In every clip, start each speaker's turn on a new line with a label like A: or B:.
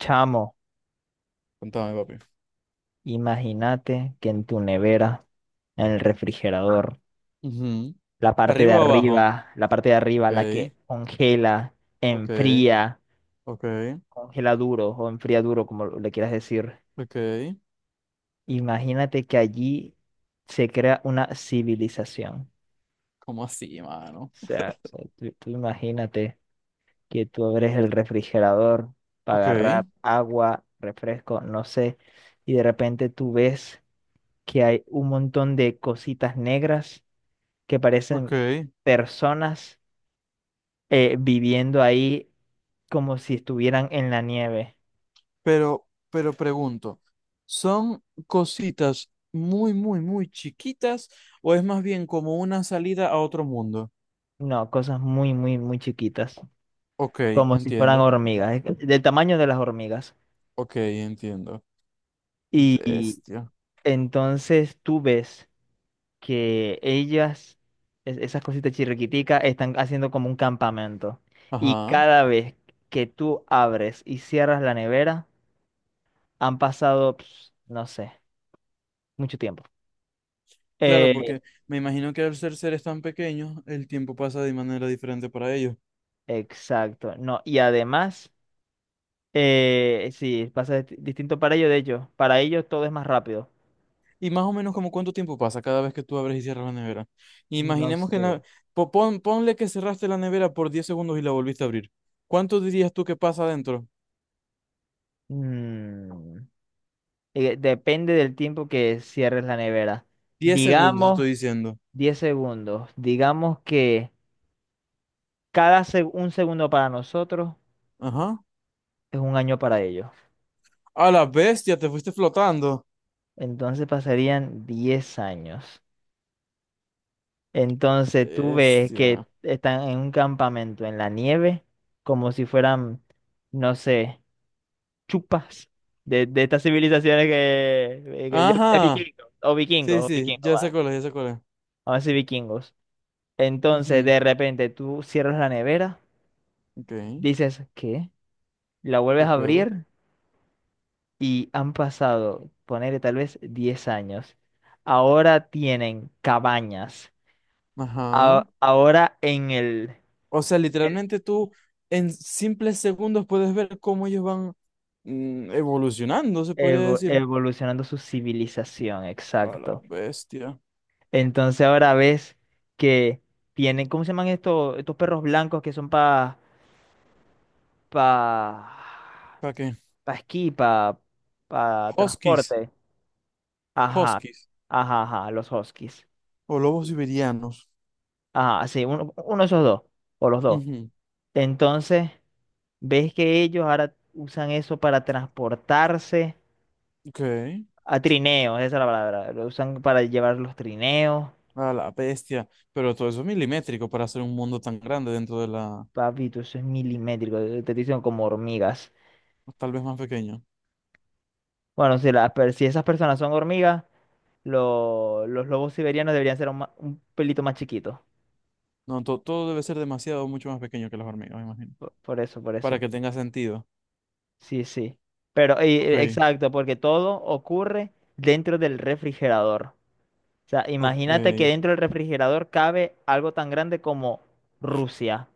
A: Chamo,
B: Contame, papi.
A: imagínate que en tu nevera, en el refrigerador,
B: Ujú.
A: la parte de
B: ¿Arriba o abajo?
A: arriba, la parte de
B: Ok,
A: arriba, la que congela,
B: ok,
A: enfría,
B: ok,
A: congela duro o enfría duro, como le quieras decir.
B: ok.
A: Imagínate que allí se crea una civilización.
B: ¿Cómo así, mano?
A: O sea, tú imagínate que tú abres el refrigerador para
B: Ok,
A: agarrar agua, refresco, no sé, y de repente tú ves que hay un montón de cositas negras que parecen
B: ok.
A: personas viviendo ahí como si estuvieran en la nieve.
B: Pero pregunto, ¿son cositas muy, muy, muy chiquitas o es más bien como una salida a otro mundo?
A: No, cosas muy, muy, muy chiquitas,
B: Ok,
A: como si fueran
B: entiendo.
A: hormigas, del tamaño de las hormigas.
B: Ok, entiendo.
A: Y
B: Bestia.
A: entonces tú ves que ellas, esas cositas chirriquiticas, están haciendo como un campamento. Y
B: Ajá.
A: cada vez que tú abres y cierras la nevera, han pasado, no sé, mucho tiempo.
B: Claro,
A: Eh,
B: porque me imagino que al ser seres tan pequeños, el tiempo pasa de manera diferente para ellos.
A: exacto, no. Y además... sí, pasa distinto para ellos, de hecho. Para ellos todo es más rápido.
B: Y más o menos como cuánto tiempo pasa cada vez que tú abres y cierras la nevera.
A: No
B: Imaginemos que en
A: sé.
B: la- po- pon- ponle que cerraste la nevera por 10 segundos y la volviste a abrir. ¿Cuánto dirías tú que pasa adentro?
A: Mm, depende del tiempo que cierres la nevera.
B: 10 segundos, te
A: Digamos
B: estoy diciendo.
A: 10 segundos. Digamos que 1 segundo para nosotros
B: Ajá.
A: es 1 año para ellos.
B: A la bestia, te fuiste flotando.
A: Entonces pasarían 10 años. Entonces tú ves que
B: Bestia.
A: están en un campamento en la nieve, como si fueran, no sé, chupas de estas civilizaciones que yo de
B: Ajá.
A: vikingos o
B: Sí,
A: vikingos o
B: sí,
A: vikingos
B: ya
A: va,
B: sé cuál es, ya sé cuál es.
A: vamos a decir vikingos. Entonces,
B: Ujú.
A: de repente tú cierras la nevera,
B: Ok,
A: dices ¿qué? La vuelves
B: qué
A: a
B: pedo.
A: abrir y han pasado, ponerle tal vez 10 años. Ahora tienen cabañas.
B: Ajá.
A: Ahora en el
B: O sea, literalmente tú en simples segundos puedes ver cómo ellos van evolucionando, se podría decir.
A: evolucionando su civilización,
B: A la
A: exacto.
B: bestia.
A: Entonces ahora ves que tienen, ¿cómo se llaman estos, estos perros blancos que son para
B: ¿Para qué?
A: pa esquí, para
B: Huskies.
A: transporte? Ajá,
B: Huskies.
A: ajá, los huskies.
B: O lobos siberianos.
A: Ajá, sí, uno, uno de esos dos, o los dos.
B: Ujú.
A: Entonces, ves que ellos ahora usan eso para transportarse
B: Ok.
A: a trineos, esa es la palabra. Lo usan para llevar los trineos.
B: A la bestia. Pero todo eso es milimétrico para hacer un mundo tan grande dentro de la...
A: Papito, eso es milimétrico, te dicen como hormigas.
B: O tal vez más pequeño.
A: Bueno, si, si esas personas son hormigas, los lobos siberianos deberían ser un, un pelito más chiquitos.
B: No, todo debe ser demasiado, mucho más pequeño que las hormigas, me imagino.
A: Por eso, por
B: Para
A: eso.
B: que tenga sentido.
A: Sí, sí. Pero,
B: Ok.
A: exacto, porque todo ocurre dentro del refrigerador. O sea,
B: Ok.
A: imagínate que dentro del refrigerador cabe algo tan grande como Rusia.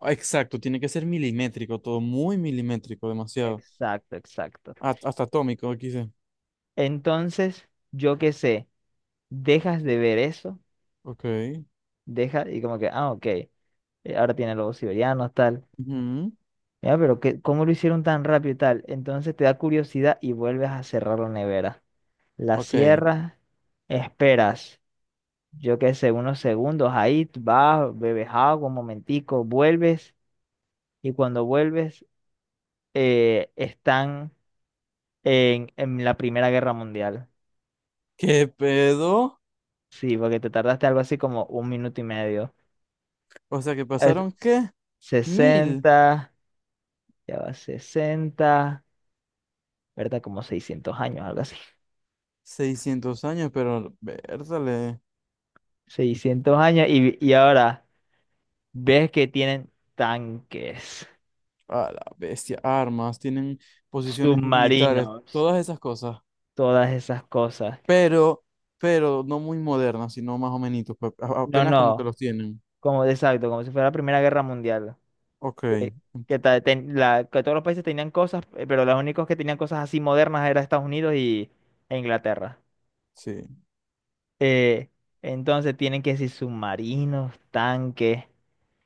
B: Ah, exacto. Tiene que ser milimétrico. Todo muy milimétrico. Demasiado.
A: Exacto, exacto.
B: Hasta atómico, aquí dice.
A: Entonces, yo qué sé, dejas de ver eso,
B: Ok.
A: dejas y como que, ah, ok, ahora tiene lobos siberianos, tal.
B: Ujú.
A: Ya, pero que, ¿cómo lo hicieron tan rápido y tal? Entonces te da curiosidad y vuelves a cerrar la nevera. La
B: Ok.
A: cierras, esperas, yo qué sé, unos segundos ahí, tú vas, bebes agua, un momentico, vuelves y cuando vuelves están en la Primera Guerra Mundial.
B: ¿Qué pedo?
A: Sí, porque te tardaste algo así como un minuto y medio.
B: O sea que
A: Es
B: pasaron, ¿qué? mil
A: 60, ya va 60, ¿verdad? Como 600 años, algo así.
B: seiscientos años, pero vértale
A: 600 años y ahora ves que tienen tanques,
B: a la bestia, armas, tienen posiciones militares,
A: submarinos,
B: todas esas cosas,
A: todas esas cosas.
B: pero, pero no muy modernas, sino más o menos,
A: No,
B: apenas como que
A: no.
B: los tienen.
A: Exacto, como si fuera la Primera Guerra Mundial.
B: Ok,
A: Que, que todos los países tenían cosas, pero los únicos que tenían cosas así modernas eran Estados Unidos y, e Inglaterra.
B: sí,
A: Eh, entonces tienen que decir submarinos, tanques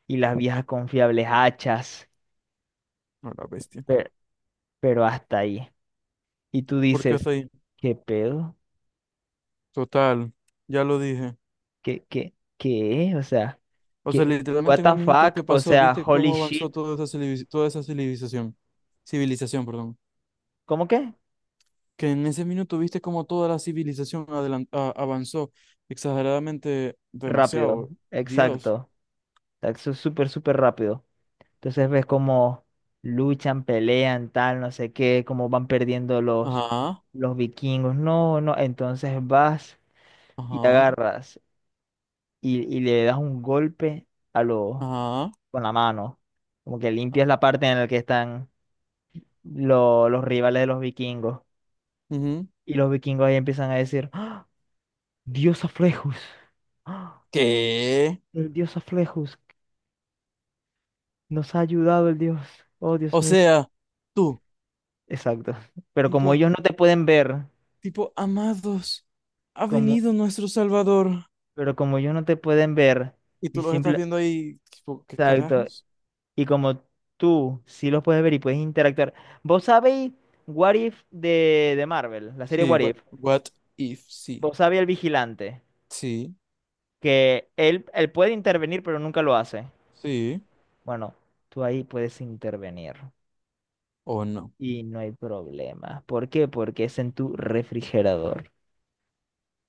A: y las viejas confiables hachas,
B: a la bestia.
A: pero, pero hasta ahí. Y tú
B: ¿Por qué
A: dices,
B: hasta ahí?
A: ¿qué pedo?
B: Total, ya lo dije.
A: ¿Qué, qué, qué? O sea,
B: O sea,
A: ¿qué? What
B: literalmente en
A: the
B: un minuto
A: fuck?
B: que
A: O
B: pasó,
A: sea,
B: ¿viste
A: holy
B: cómo avanzó
A: shit.
B: toda esa, toda esa civilización? Civilización, perdón.
A: ¿Cómo que?
B: Que en ese minuto viste como toda la civilización avanzó exageradamente
A: Rápido,
B: demasiado. Dios.
A: exacto. Eso es súper, súper rápido. Entonces ves cómo luchan, pelean, tal, no sé qué, cómo van perdiendo
B: Ajá,
A: los vikingos. No, no, entonces vas y
B: ajá,
A: agarras y le das un golpe a los
B: ajá.
A: con la mano. Como que limpias la parte en la que están los rivales de los vikingos.
B: Ujú.
A: Y los vikingos ahí empiezan a decir, "¡Ah! Dios Aflejus, ¡Ah!
B: ¿Qué?
A: El Dios Aflejus, nos ha ayudado el Dios. Oh, Dios
B: O
A: mío."
B: sea, tú,
A: Exacto. Pero como
B: tipo,
A: ellos no te pueden ver,
B: tipo, amados, ha
A: como,
B: venido nuestro Salvador.
A: pero como ellos no te pueden ver
B: Y
A: y
B: tú los estás
A: simple,
B: viendo ahí, tipo, ¿qué
A: exacto,
B: carajos?
A: y como tú sí los puedes ver y puedes interactuar. ¿Vos sabéis What If de Marvel, la serie
B: Sí,
A: What
B: what,
A: If?
B: what if, sí,
A: ¿Vos sabéis el vigilante?
B: sí,
A: Que él puede intervenir, pero nunca lo hace.
B: sí,
A: Bueno, tú ahí puedes intervenir
B: o no.
A: y no hay problema. ¿Por qué? Porque es en tu refrigerador.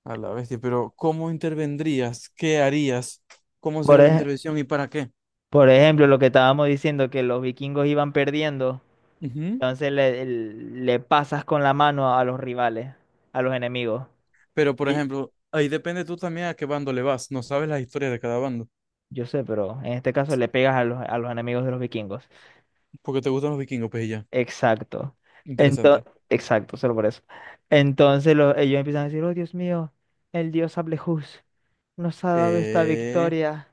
B: A la bestia, pero ¿cómo intervendrías? ¿Qué harías? ¿Cómo
A: Por,
B: sería la
A: ej-
B: intervención y para qué?
A: por ejemplo, lo que estábamos diciendo, que los vikingos iban perdiendo.
B: Ujú.
A: Entonces le pasas con la mano a los rivales, a los enemigos.
B: Pero, por
A: Y
B: ejemplo, ahí depende tú también a qué bando le vas. No sabes las historias de cada bando.
A: yo sé, pero en este caso le pegas a los enemigos de los vikingos.
B: Porque te gustan los vikingos, pues y ya.
A: Exacto. Entonces,
B: Interesante.
A: exacto, solo por eso. Entonces ellos empiezan a decir, oh Dios mío, el dios Ablehús nos ha dado esta
B: Que...
A: victoria,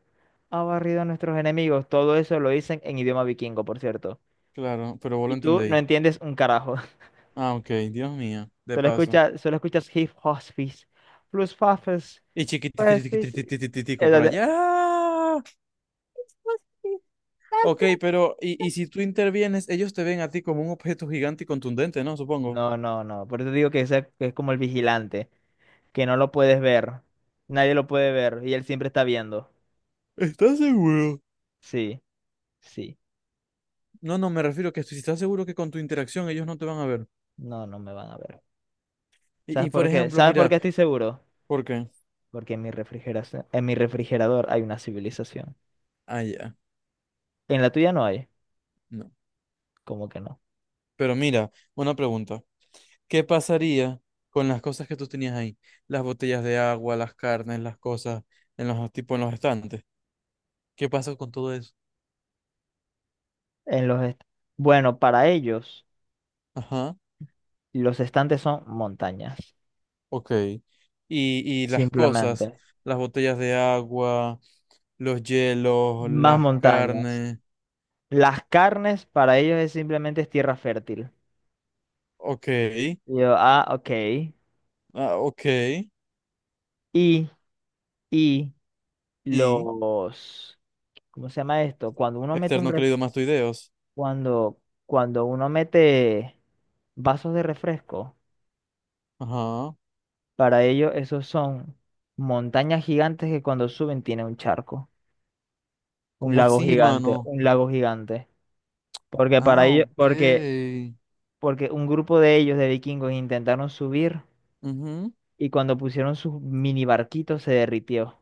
A: ha barrido a nuestros enemigos. Todo eso lo dicen en idioma vikingo, por cierto.
B: Claro, pero vos
A: Y
B: lo
A: tú no
B: entendéis.
A: entiendes un carajo.
B: Ah, ok, Dios mío. De paso.
A: Solo escuchas hip hospice, plus. Pues
B: Y
A: sí, sí.
B: chiquititititititico
A: Es la
B: por
A: de-
B: allá. Ok, pero y si tú intervienes, ellos te ven a ti como un objeto gigante y contundente, ¿no? Supongo.
A: No, no, no. Por eso digo que, que es como el vigilante, que no lo puedes ver. Nadie lo puede ver y él siempre está viendo.
B: ¿Estás seguro?
A: Sí, sí.
B: No, no, me refiero que si estás seguro que con tu interacción ellos no te van a ver.
A: No, no me van a ver.
B: Y,
A: ¿Sabes
B: y por
A: por qué?
B: ejemplo,
A: ¿Sabes por
B: mira,
A: qué estoy seguro?
B: ¿por qué?
A: Porque en mi refrigeración, en mi refrigerador hay una civilización.
B: Ah, ya.
A: En la tuya no hay.
B: No.
A: ¿Cómo que no?
B: Pero mira, una pregunta. ¿Qué pasaría con las cosas que tú tenías ahí? Las botellas de agua, las carnes, las cosas en los tipo en los estantes. ¿Qué pasa con todo eso?
A: En los est- bueno, para ellos,
B: Ajá,
A: los estantes son montañas.
B: ok. Y las cosas,
A: Simplemente.
B: las botellas de agua, los hielos,
A: Más
B: las
A: montañas.
B: carnes.
A: Las carnes para ellos es simplemente es tierra fértil.
B: Ok.
A: Y yo, ah, ok.
B: Ah, ok.
A: Y, y
B: Y
A: los, ¿cómo se llama esto?
B: esternocleidomastoideos.
A: Cuando, cuando uno mete vasos de refresco,
B: Ajá.
A: para ellos esos son montañas gigantes que cuando suben tienen un charco, un
B: ¿Cómo
A: lago
B: así,
A: gigante,
B: mano?
A: un lago gigante. Porque para
B: Ah,
A: ellos,
B: ok.
A: porque, porque un grupo de ellos, de vikingos, intentaron subir
B: Ujú.
A: y cuando pusieron sus mini barquitos se derritió.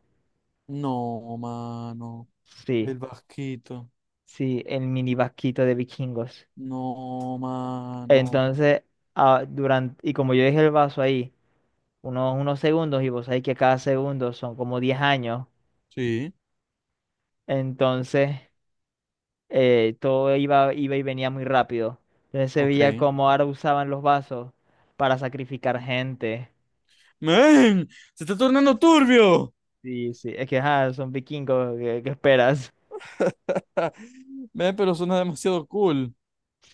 B: No, mano.
A: Sí,
B: El vasquito.
A: sí, el mini barquito de vikingos.
B: No, mano.
A: Entonces, ah, durante, y como yo dejé el vaso ahí unos, unos segundos, y vos sabés que cada segundo son como 10 años,
B: Sí,
A: entonces todo iba, iba y venía muy rápido. Entonces se
B: ok.
A: veía como ahora usaban los vasos para sacrificar gente.
B: ¡Men! ¡Se está tornando turbio!
A: Sí, sí, es que ajá, son vikingos, ¿qué, qué esperas?
B: Men, pero suena demasiado cool.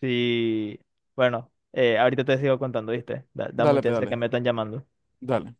A: Sí, bueno, ahorita te sigo contando, ¿viste? Da, da
B: Dale,
A: mucha chance que
B: pedale.
A: me están llamando.
B: Dale.